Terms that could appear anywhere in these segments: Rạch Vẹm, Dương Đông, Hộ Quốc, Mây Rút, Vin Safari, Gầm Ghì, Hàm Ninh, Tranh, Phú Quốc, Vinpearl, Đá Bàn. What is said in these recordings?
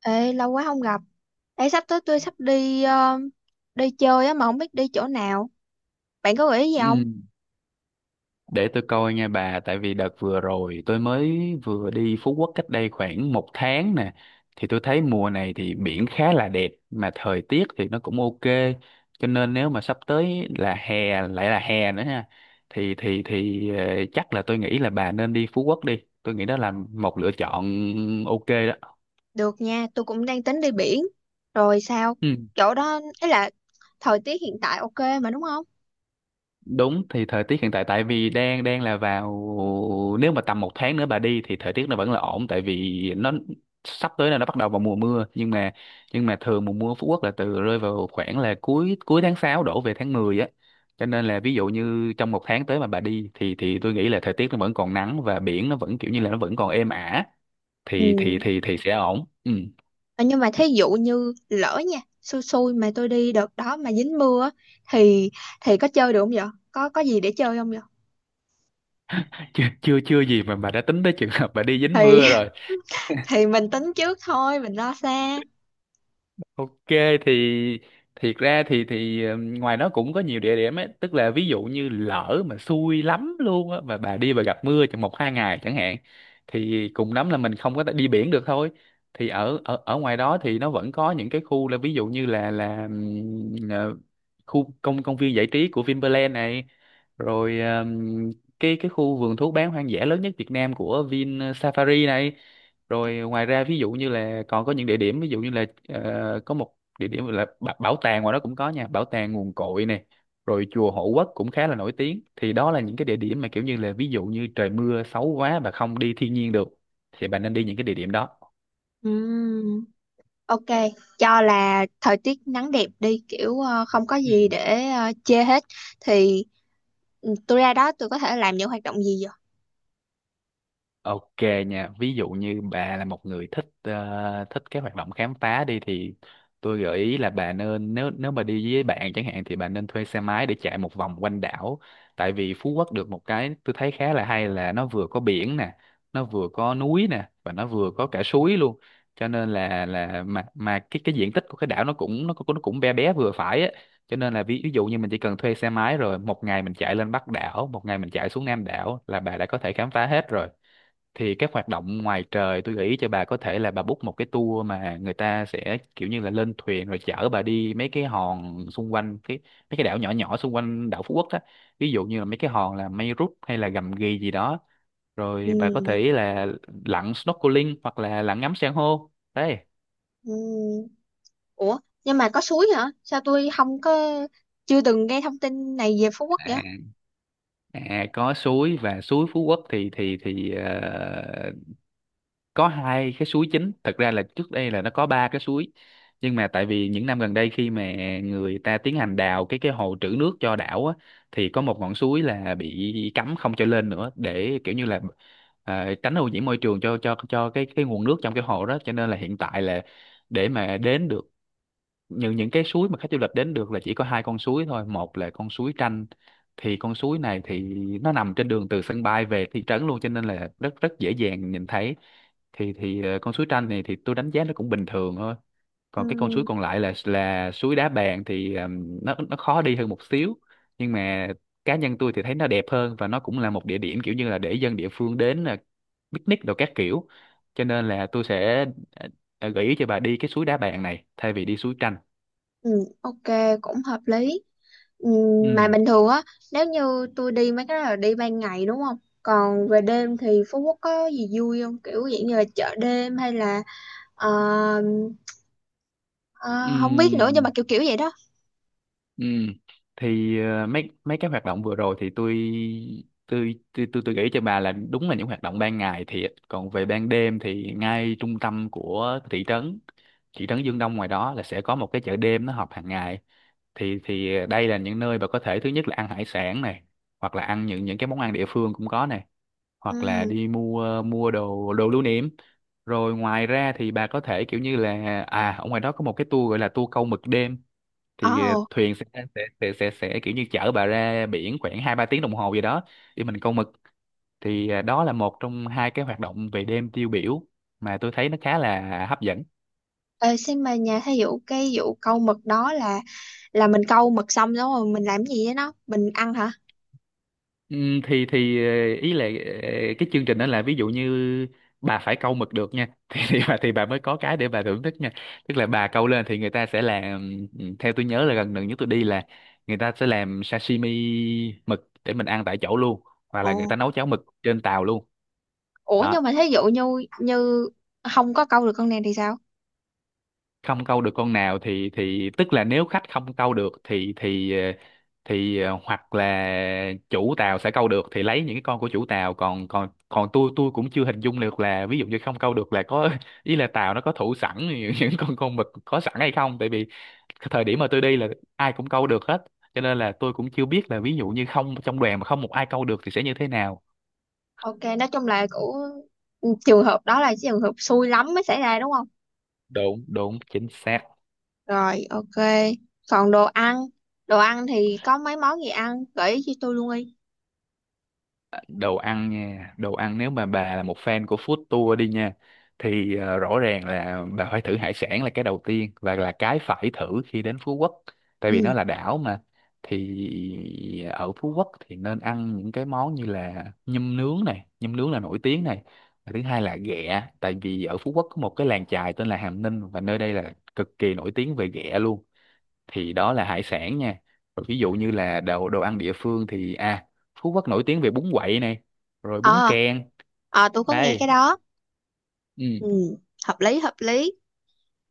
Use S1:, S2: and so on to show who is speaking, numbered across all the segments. S1: Ê, lâu quá không gặp. Ê, sắp tới tôi sắp đi đi chơi á mà không biết đi chỗ nào. Bạn có gợi ý gì không?
S2: Ừ, để tôi coi nha bà. Tại vì đợt vừa rồi tôi vừa đi Phú Quốc cách đây khoảng một tháng nè, thì tôi thấy mùa này thì biển khá là đẹp, mà thời tiết thì nó cũng ok. Cho nên nếu mà sắp tới là hè, lại là hè nữa ha, thì chắc là tôi nghĩ là bà nên đi Phú Quốc đi, tôi nghĩ đó là một lựa chọn ok đó.
S1: Được nha, tôi cũng đang tính đi biển. Rồi sao?
S2: Ừ.
S1: Chỗ đó ấy là thời tiết hiện tại ok mà đúng không?
S2: Đúng, thì thời tiết hiện tại, tại vì đang đang là vào, nếu mà tầm một tháng nữa bà đi thì thời tiết nó vẫn là ổn, tại vì nó sắp tới là nó bắt đầu vào mùa mưa. Nhưng mà thường mùa mưa ở Phú Quốc là từ, rơi vào khoảng là cuối cuối tháng 6 đổ về tháng 10 á. Cho nên là ví dụ như trong một tháng tới mà bà đi thì tôi nghĩ là thời tiết nó vẫn còn nắng, và biển nó vẫn kiểu như là nó vẫn còn êm ả, thì
S1: Ừ.
S2: thì thì thì sẽ ổn. Ừ.
S1: Ờ, Nhưng mà thí dụ như lỡ nha, xui xui mà tôi đi đợt đó mà dính mưa á, thì thì có chơi được không vậy? Có gì để chơi không vậy?
S2: chưa chưa chưa gì mà bà đã tính tới trường hợp bà đi dính
S1: Thì
S2: mưa.
S1: thì mình tính trước thôi, mình lo xa.
S2: Ok, thì thiệt ra thì ngoài nó cũng có nhiều địa điểm ấy, tức là ví dụ như lỡ mà xui lắm luôn á mà bà đi, bà gặp mưa trong một hai ngày chẳng hạn, thì cùng lắm là mình không có thể đi biển được thôi. Thì ở ở ở ngoài đó thì nó vẫn có những cái khu, là ví dụ như là khu công công viên giải trí của Vinpearl này, rồi cái khu vườn thú bán hoang dã lớn nhất Việt Nam của Vin Safari này. Rồi ngoài ra ví dụ như là còn có những địa điểm, ví dụ như là có một địa điểm là bảo tàng, ngoài đó cũng có nha, bảo tàng nguồn cội này, rồi chùa Hộ Quốc cũng khá là nổi tiếng. Thì đó là những cái địa điểm mà kiểu như là ví dụ như trời mưa xấu quá và không đi thiên nhiên được, thì bạn nên đi những cái địa điểm đó.
S1: Ừ. Ok, cho là thời tiết nắng đẹp đi kiểu không có gì để chê hết thì tôi ra đó tôi có thể làm những hoạt động gì vậy?
S2: Ok nha, ví dụ như bà là một người thích thích cái hoạt động khám phá đi, thì tôi gợi ý là bà nên, nếu nếu mà đi với bạn chẳng hạn, thì bà nên thuê xe máy để chạy một vòng quanh đảo. Tại vì Phú Quốc được một cái tôi thấy khá là hay, là nó vừa có biển nè, nó vừa có núi nè, và nó vừa có cả suối luôn. Cho nên là mà cái diện tích của cái đảo nó cũng bé bé vừa phải á. Cho nên là ví dụ như mình chỉ cần thuê xe máy rồi một ngày mình chạy lên Bắc đảo, một ngày mình chạy xuống Nam đảo, là bà đã có thể khám phá hết rồi. Thì các hoạt động ngoài trời, tôi nghĩ cho bà có thể là bà book một cái tour mà người ta sẽ kiểu như là lên thuyền rồi chở bà đi mấy cái hòn xung quanh, mấy cái đảo nhỏ nhỏ xung quanh đảo Phú Quốc á, ví dụ như là mấy cái hòn là Mây Rút hay là Gầm Ghì gì đó. Rồi bà có
S1: Ừm,
S2: thể là lặn snorkeling hoặc là lặn ngắm san hô đấy.
S1: ừm. Ủa, nhưng mà có suối hả? Sao tôi không có chưa từng nghe thông tin này về Phú Quốc vậy?
S2: À, à, có suối. Và suối Phú Quốc thì có hai cái suối chính. Thật ra là trước đây là nó có ba cái suối, nhưng mà tại vì những năm gần đây, khi mà người ta tiến hành đào cái hồ trữ nước cho đảo á, thì có một ngọn suối là bị cấm không cho lên nữa, để kiểu như là tránh ô nhiễm môi trường cho cái nguồn nước trong cái hồ đó. Cho nên là hiện tại là, để mà đến được những cái suối mà khách du lịch đến được, là chỉ có hai con suối thôi. Một là con suối Tranh, thì con suối này thì nó nằm trên đường từ sân bay về thị trấn luôn, cho nên là rất rất dễ dàng nhìn thấy. Thì con suối Tranh này thì tôi đánh giá nó cũng bình thường thôi. Còn cái con suối
S1: Ừm,
S2: còn lại là suối Đá Bàn, thì nó khó đi hơn một xíu, nhưng mà cá nhân tôi thì thấy nó đẹp hơn, và nó cũng là một địa điểm kiểu như là để dân địa phương đến picnic đồ các kiểu. Cho nên là tôi sẽ gợi ý cho bà đi cái suối Đá Bàn này thay vì đi suối Tranh.
S1: ừm, ok, cũng hợp lý. Ừm,
S2: Ừ,
S1: mà bình thường á, nếu như tôi đi mấy cái đó là đi ban ngày đúng không? Còn về đêm thì Phú Quốc có gì vui không? Kiểu dạng như là chợ đêm hay là ờ, Ờ, không biết nữa
S2: ừ,
S1: nhưng mà kiểu kiểu vậy đó.
S2: ừ. Thì mấy mấy cái hoạt động vừa rồi thì tôi nghĩ cho bà là đúng, là những hoạt động ban ngày thiệt. Còn về ban đêm thì ngay trung tâm của thị trấn Dương Đông ngoài đó là sẽ có một cái chợ đêm, nó họp hàng ngày. Thì đây là những nơi bà có thể, thứ nhất là ăn hải sản này, hoặc là ăn những cái món ăn địa phương cũng có này, hoặc là
S1: Ừ.
S2: đi mua mua đồ đồ lưu niệm. Rồi ngoài ra thì bà có thể kiểu như là, à, ở ngoài đó có một cái tour gọi là tour câu mực đêm. Thì
S1: Ồ.
S2: thuyền sẽ sẽ kiểu như chở bà ra biển khoảng hai ba tiếng đồng hồ gì đó, để mình câu mực. Thì à, đó là một trong hai cái hoạt động về đêm tiêu biểu mà tôi thấy nó khá là hấp dẫn.
S1: ờ, Xin mà nhà thí dụ cái vụ câu mực đó là mình câu mực xong đúng rồi mình làm gì với nó, mình ăn hả?
S2: Ý là, ờ, cái chương trình đó là ví dụ như bà phải câu mực được nha. Thì bà, thì bà mới có cái để bà thưởng thức nha. Tức là bà câu lên thì người ta sẽ làm, theo tôi nhớ là gần gần nhất tôi đi là, người ta sẽ làm sashimi mực để mình ăn tại chỗ luôn, hoặc là người
S1: Ồ,
S2: ta nấu cháo mực trên tàu luôn.
S1: ủa
S2: Đó.
S1: nhưng mà thí dụ như như không có câu được con này thì sao?
S2: Không câu được con nào thì tức là nếu khách không câu được thì hoặc là chủ tàu sẽ câu được thì lấy những cái con của chủ tàu. Còn còn còn tôi cũng chưa hình dung được là ví dụ như không câu được là có, ý là tàu nó có thủ sẵn những con mực có sẵn hay không, tại vì cái thời điểm mà tôi đi là ai cũng câu được hết, cho nên là tôi cũng chưa biết là ví dụ như không, trong đoàn mà không một ai câu được thì sẽ như thế nào.
S1: Ok, nói chung là của trường hợp đó là trường hợp xui lắm mới xảy ra đúng không?
S2: Đúng, đúng, chính xác.
S1: Rồi, ok, còn đồ ăn. Đồ ăn thì có mấy món gì ăn, gợi ý cho tôi luôn đi.
S2: Đồ ăn nha. Đồ ăn, nếu mà bà là một fan của food tour đi nha, thì rõ ràng là bà phải thử hải sản, là cái đầu tiên và là cái phải thử khi đến Phú Quốc, tại vì
S1: Ừ.
S2: nó là đảo mà. Thì ở Phú Quốc thì nên ăn những cái món như là nhum nướng này, nhum nướng là nổi tiếng này. Và thứ hai là ghẹ, tại vì ở Phú Quốc có một cái làng chài tên là Hàm Ninh, và nơi đây là cực kỳ nổi tiếng về ghẹ luôn. Thì đó là hải sản nha. Rồi ví dụ như là đồ đồ ăn địa phương thì à, Phú Quốc nổi tiếng về bún quậy này, rồi bún
S1: ờ
S2: kèn.
S1: ờ, tôi có nghe
S2: Đây.
S1: cái đó.
S2: Ừ.
S1: Ừ, hợp lý hợp lý.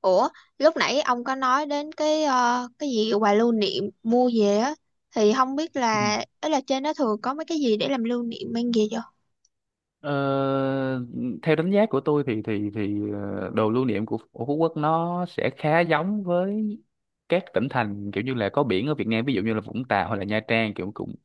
S1: Ủa, lúc nãy ông có nói đến cái cái gì quà lưu niệm mua về á thì không biết
S2: Ừ.
S1: là ấy là trên đó thường có mấy cái gì để làm lưu niệm mang về chưa?
S2: Ờ, Theo đánh giá của tôi thì đồ lưu niệm của Phú Quốc nó sẽ khá giống với các tỉnh thành kiểu như là có biển ở Việt Nam, ví dụ như là Vũng Tàu hay là Nha Trang, kiểu cũng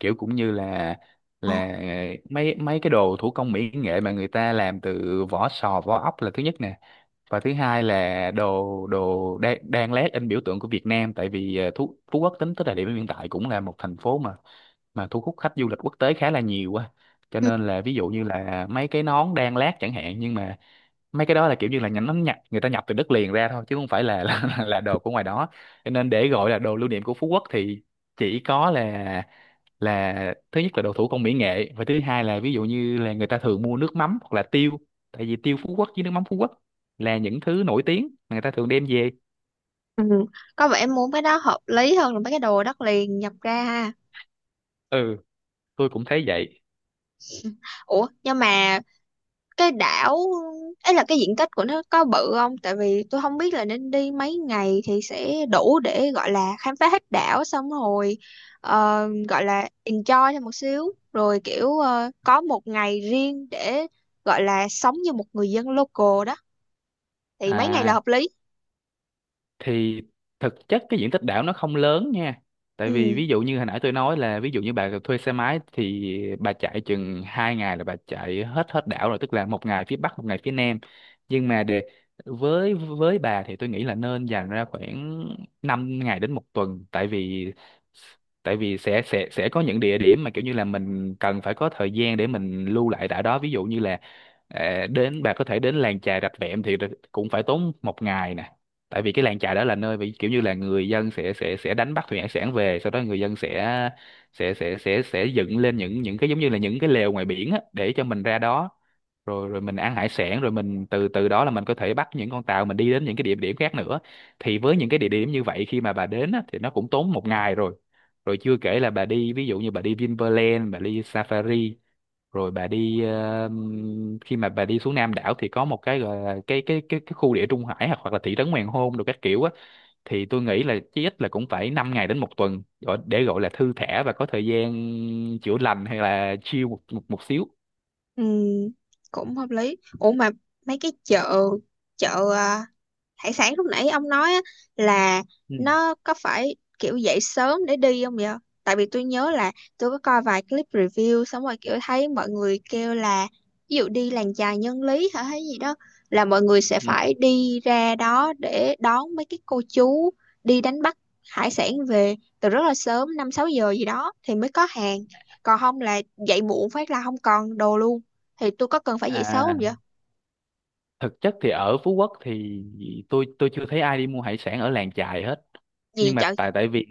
S2: kiểu cũng như là
S1: Ờ.
S2: là mấy mấy cái đồ thủ công mỹ nghệ mà người ta làm từ vỏ sò vỏ ốc là thứ nhất nè, và thứ hai là đồ đồ đan, đan lát in biểu tượng của Việt Nam. Tại vì Phú Quốc tính tới thời điểm hiện tại cũng là một thành phố mà thu hút khách du lịch quốc tế khá là nhiều quá, cho
S1: Ừ.
S2: nên là ví dụ như là mấy cái nón đan lát chẳng hạn, nhưng mà mấy cái đó là kiểu như là nhánh nó nhập người ta nhập từ đất liền ra thôi, chứ không phải là là đồ của ngoài đó. Cho nên để gọi là đồ lưu niệm của Phú Quốc thì chỉ có là thứ nhất là đậu thủ công mỹ nghệ, và thứ hai là ví dụ như là người ta thường mua nước mắm hoặc là tiêu, tại vì tiêu Phú Quốc với nước mắm Phú Quốc là những thứ nổi tiếng mà người ta thường đem về.
S1: Ừ. Có vẻ muốn cái đó hợp lý hơn là mấy cái đồ đất liền nhập ra ha.
S2: Ừ, tôi cũng thấy vậy.
S1: Ủa, nhưng mà cái đảo ấy là cái diện tích của nó có bự không, tại vì tôi không biết là nên đi mấy ngày thì sẽ đủ để gọi là khám phá hết đảo xong rồi gọi là enjoy thêm một xíu rồi kiểu có một ngày riêng để gọi là sống như một người dân local đó, thì mấy ngày là
S2: À,
S1: hợp lý?
S2: thì thực chất cái diện tích đảo nó không lớn nha, tại vì
S1: Ừ,
S2: ví dụ như hồi nãy tôi nói là ví dụ như bà thuê xe máy thì bà chạy chừng hai ngày là bà chạy hết hết đảo rồi, tức là một ngày phía bắc một ngày phía nam. Nhưng mà để với bà thì tôi nghĩ là nên dành ra khoảng 5 ngày đến một tuần, tại vì sẽ có những địa điểm mà kiểu như là mình cần phải có thời gian để mình lưu lại đảo đó. Ví dụ như là đến, bà có thể đến làng chài Rạch Vẹm thì cũng phải tốn một ngày nè, tại vì cái làng chài đó là nơi bị kiểu như là người dân sẽ đánh bắt thủy hải sản về, sau đó người dân sẽ dựng lên những cái giống như là những cái lều ngoài biển á, để cho mình ra đó rồi rồi mình ăn hải sản, rồi mình từ từ đó là mình có thể bắt những con tàu mình đi đến những cái địa điểm khác nữa. Thì với những cái địa điểm như vậy khi mà bà đến á, thì nó cũng tốn một ngày rồi. Rồi chưa kể là bà đi, ví dụ như bà đi Vinpearl, bà đi Safari, rồi bà đi khi mà bà đi xuống Nam đảo thì có một cái gọi là cái khu địa Trung Hải, hoặc hoặc là thị trấn Hoàng Hôn đồ các kiểu á. Thì tôi nghĩ là chí ít là cũng phải 5 ngày đến một tuần để gọi là thư thả và có thời gian chữa lành hay là chill một một, một xíu.
S1: ừ, cũng hợp lý. Ủa mà mấy cái chợ, chợ à, hải sản lúc nãy ông nói á, là
S2: Ừ.
S1: nó có phải kiểu dậy sớm để đi không vậy? Tại vì tôi nhớ là tôi có coi vài clip review xong rồi kiểu thấy mọi người kêu là ví dụ đi làng chài nhân lý hả hay gì đó là mọi người sẽ
S2: Ừ.
S1: phải đi ra đó để đón mấy cái cô chú đi đánh bắt hải sản về từ rất là sớm 5 6 giờ gì đó thì mới có hàng. Còn không là dậy muộn phát là không còn đồ luôn. Thì tôi có cần phải dậy sớm
S2: À,
S1: không vậy?
S2: thực chất thì ở Phú Quốc thì tôi chưa thấy ai đi mua hải sản ở làng chài hết,
S1: Gì
S2: nhưng mà
S1: trời.
S2: tại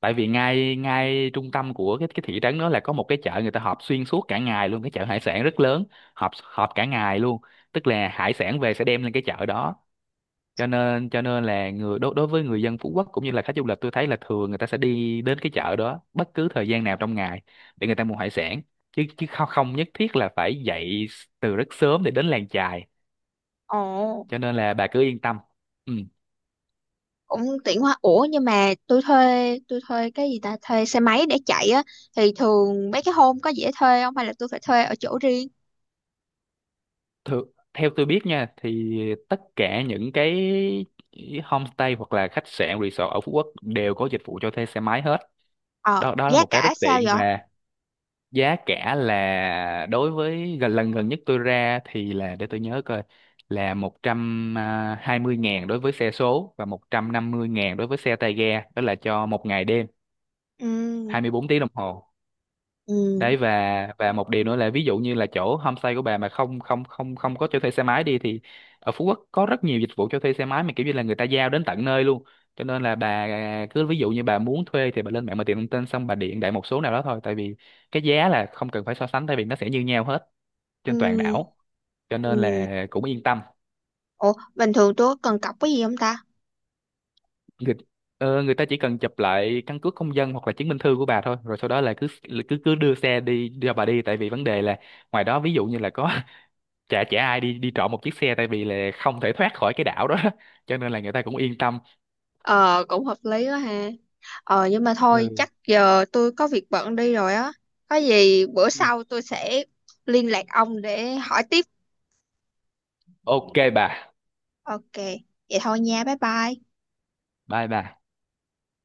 S2: tại vì ngay ngay trung tâm của cái thị trấn đó là có một cái chợ người ta họp xuyên suốt cả ngày luôn, cái chợ hải sản rất lớn, họp họp cả ngày luôn, tức là hải sản về sẽ đem lên cái chợ đó. Cho nên là người đối đối với người dân Phú Quốc cũng như là khách du lịch, tôi thấy là thường người ta sẽ đi đến cái chợ đó bất cứ thời gian nào trong ngày để người ta mua hải sản, chứ chứ không, nhất thiết là phải dậy từ rất sớm để đến làng chài.
S1: Ồ.
S2: Cho nên là bà cứ yên tâm. Ừ.
S1: Cũng tiện quá. Ủa nhưng mà tôi thuê cái gì ta, thuê xe máy để chạy á thì thường mấy cái hôm có dễ thuê không hay là tôi phải thuê ở chỗ riêng?
S2: Thử, Theo tôi biết nha, thì tất cả những cái homestay hoặc là khách sạn resort ở Phú Quốc đều có dịch vụ cho thuê xe máy hết.
S1: Ờ,
S2: Đó đó là
S1: giá
S2: một cái
S1: cả
S2: rất
S1: sao
S2: tiện.
S1: vậy?
S2: Và giá cả là, đối với gần nhất tôi ra thì, là để tôi nhớ coi, là 120 ngàn đối với xe số và 150 ngàn đối với xe tay ga, đó là cho một ngày đêm,
S1: Ừ.
S2: 24 tiếng đồng hồ
S1: Ừ.
S2: đấy. Và một điều nữa là, ví dụ như là chỗ homestay của bà mà không không không không có cho thuê xe máy đi thì ở Phú Quốc có rất nhiều dịch vụ cho thuê xe máy mà kiểu như là người ta giao đến tận nơi luôn. Cho nên là bà cứ, ví dụ như bà muốn thuê thì bà lên mạng mà tìm thông tin, xong bà điện đại một số nào đó thôi, tại vì cái giá là không cần phải so sánh, tại vì nó sẽ như nhau hết trên toàn
S1: Ừ.
S2: đảo, cho nên
S1: Ừ.
S2: là cũng yên tâm.
S1: Ủa bình thường tôi có cần cọc cái gì không ta?
S2: người, Người ta chỉ cần chụp lại căn cước công dân hoặc là chứng minh thư của bà thôi, rồi sau đó là cứ cứ cứ đưa xe đi cho bà đi, tại vì vấn đề là ngoài đó ví dụ như là có chả chả ai đi đi trộm một chiếc xe, tại vì là không thể thoát khỏi cái đảo đó cho nên là người ta cũng yên tâm.
S1: Ờ, cũng hợp lý quá ha. Ờ nhưng mà thôi
S2: Ừ.
S1: chắc giờ tôi có việc bận đi rồi á. Có gì bữa
S2: Ừ.
S1: sau tôi sẽ liên lạc ông để hỏi tiếp.
S2: Ok bà.
S1: Ok, vậy thôi nha, bye bye.
S2: Bye bà.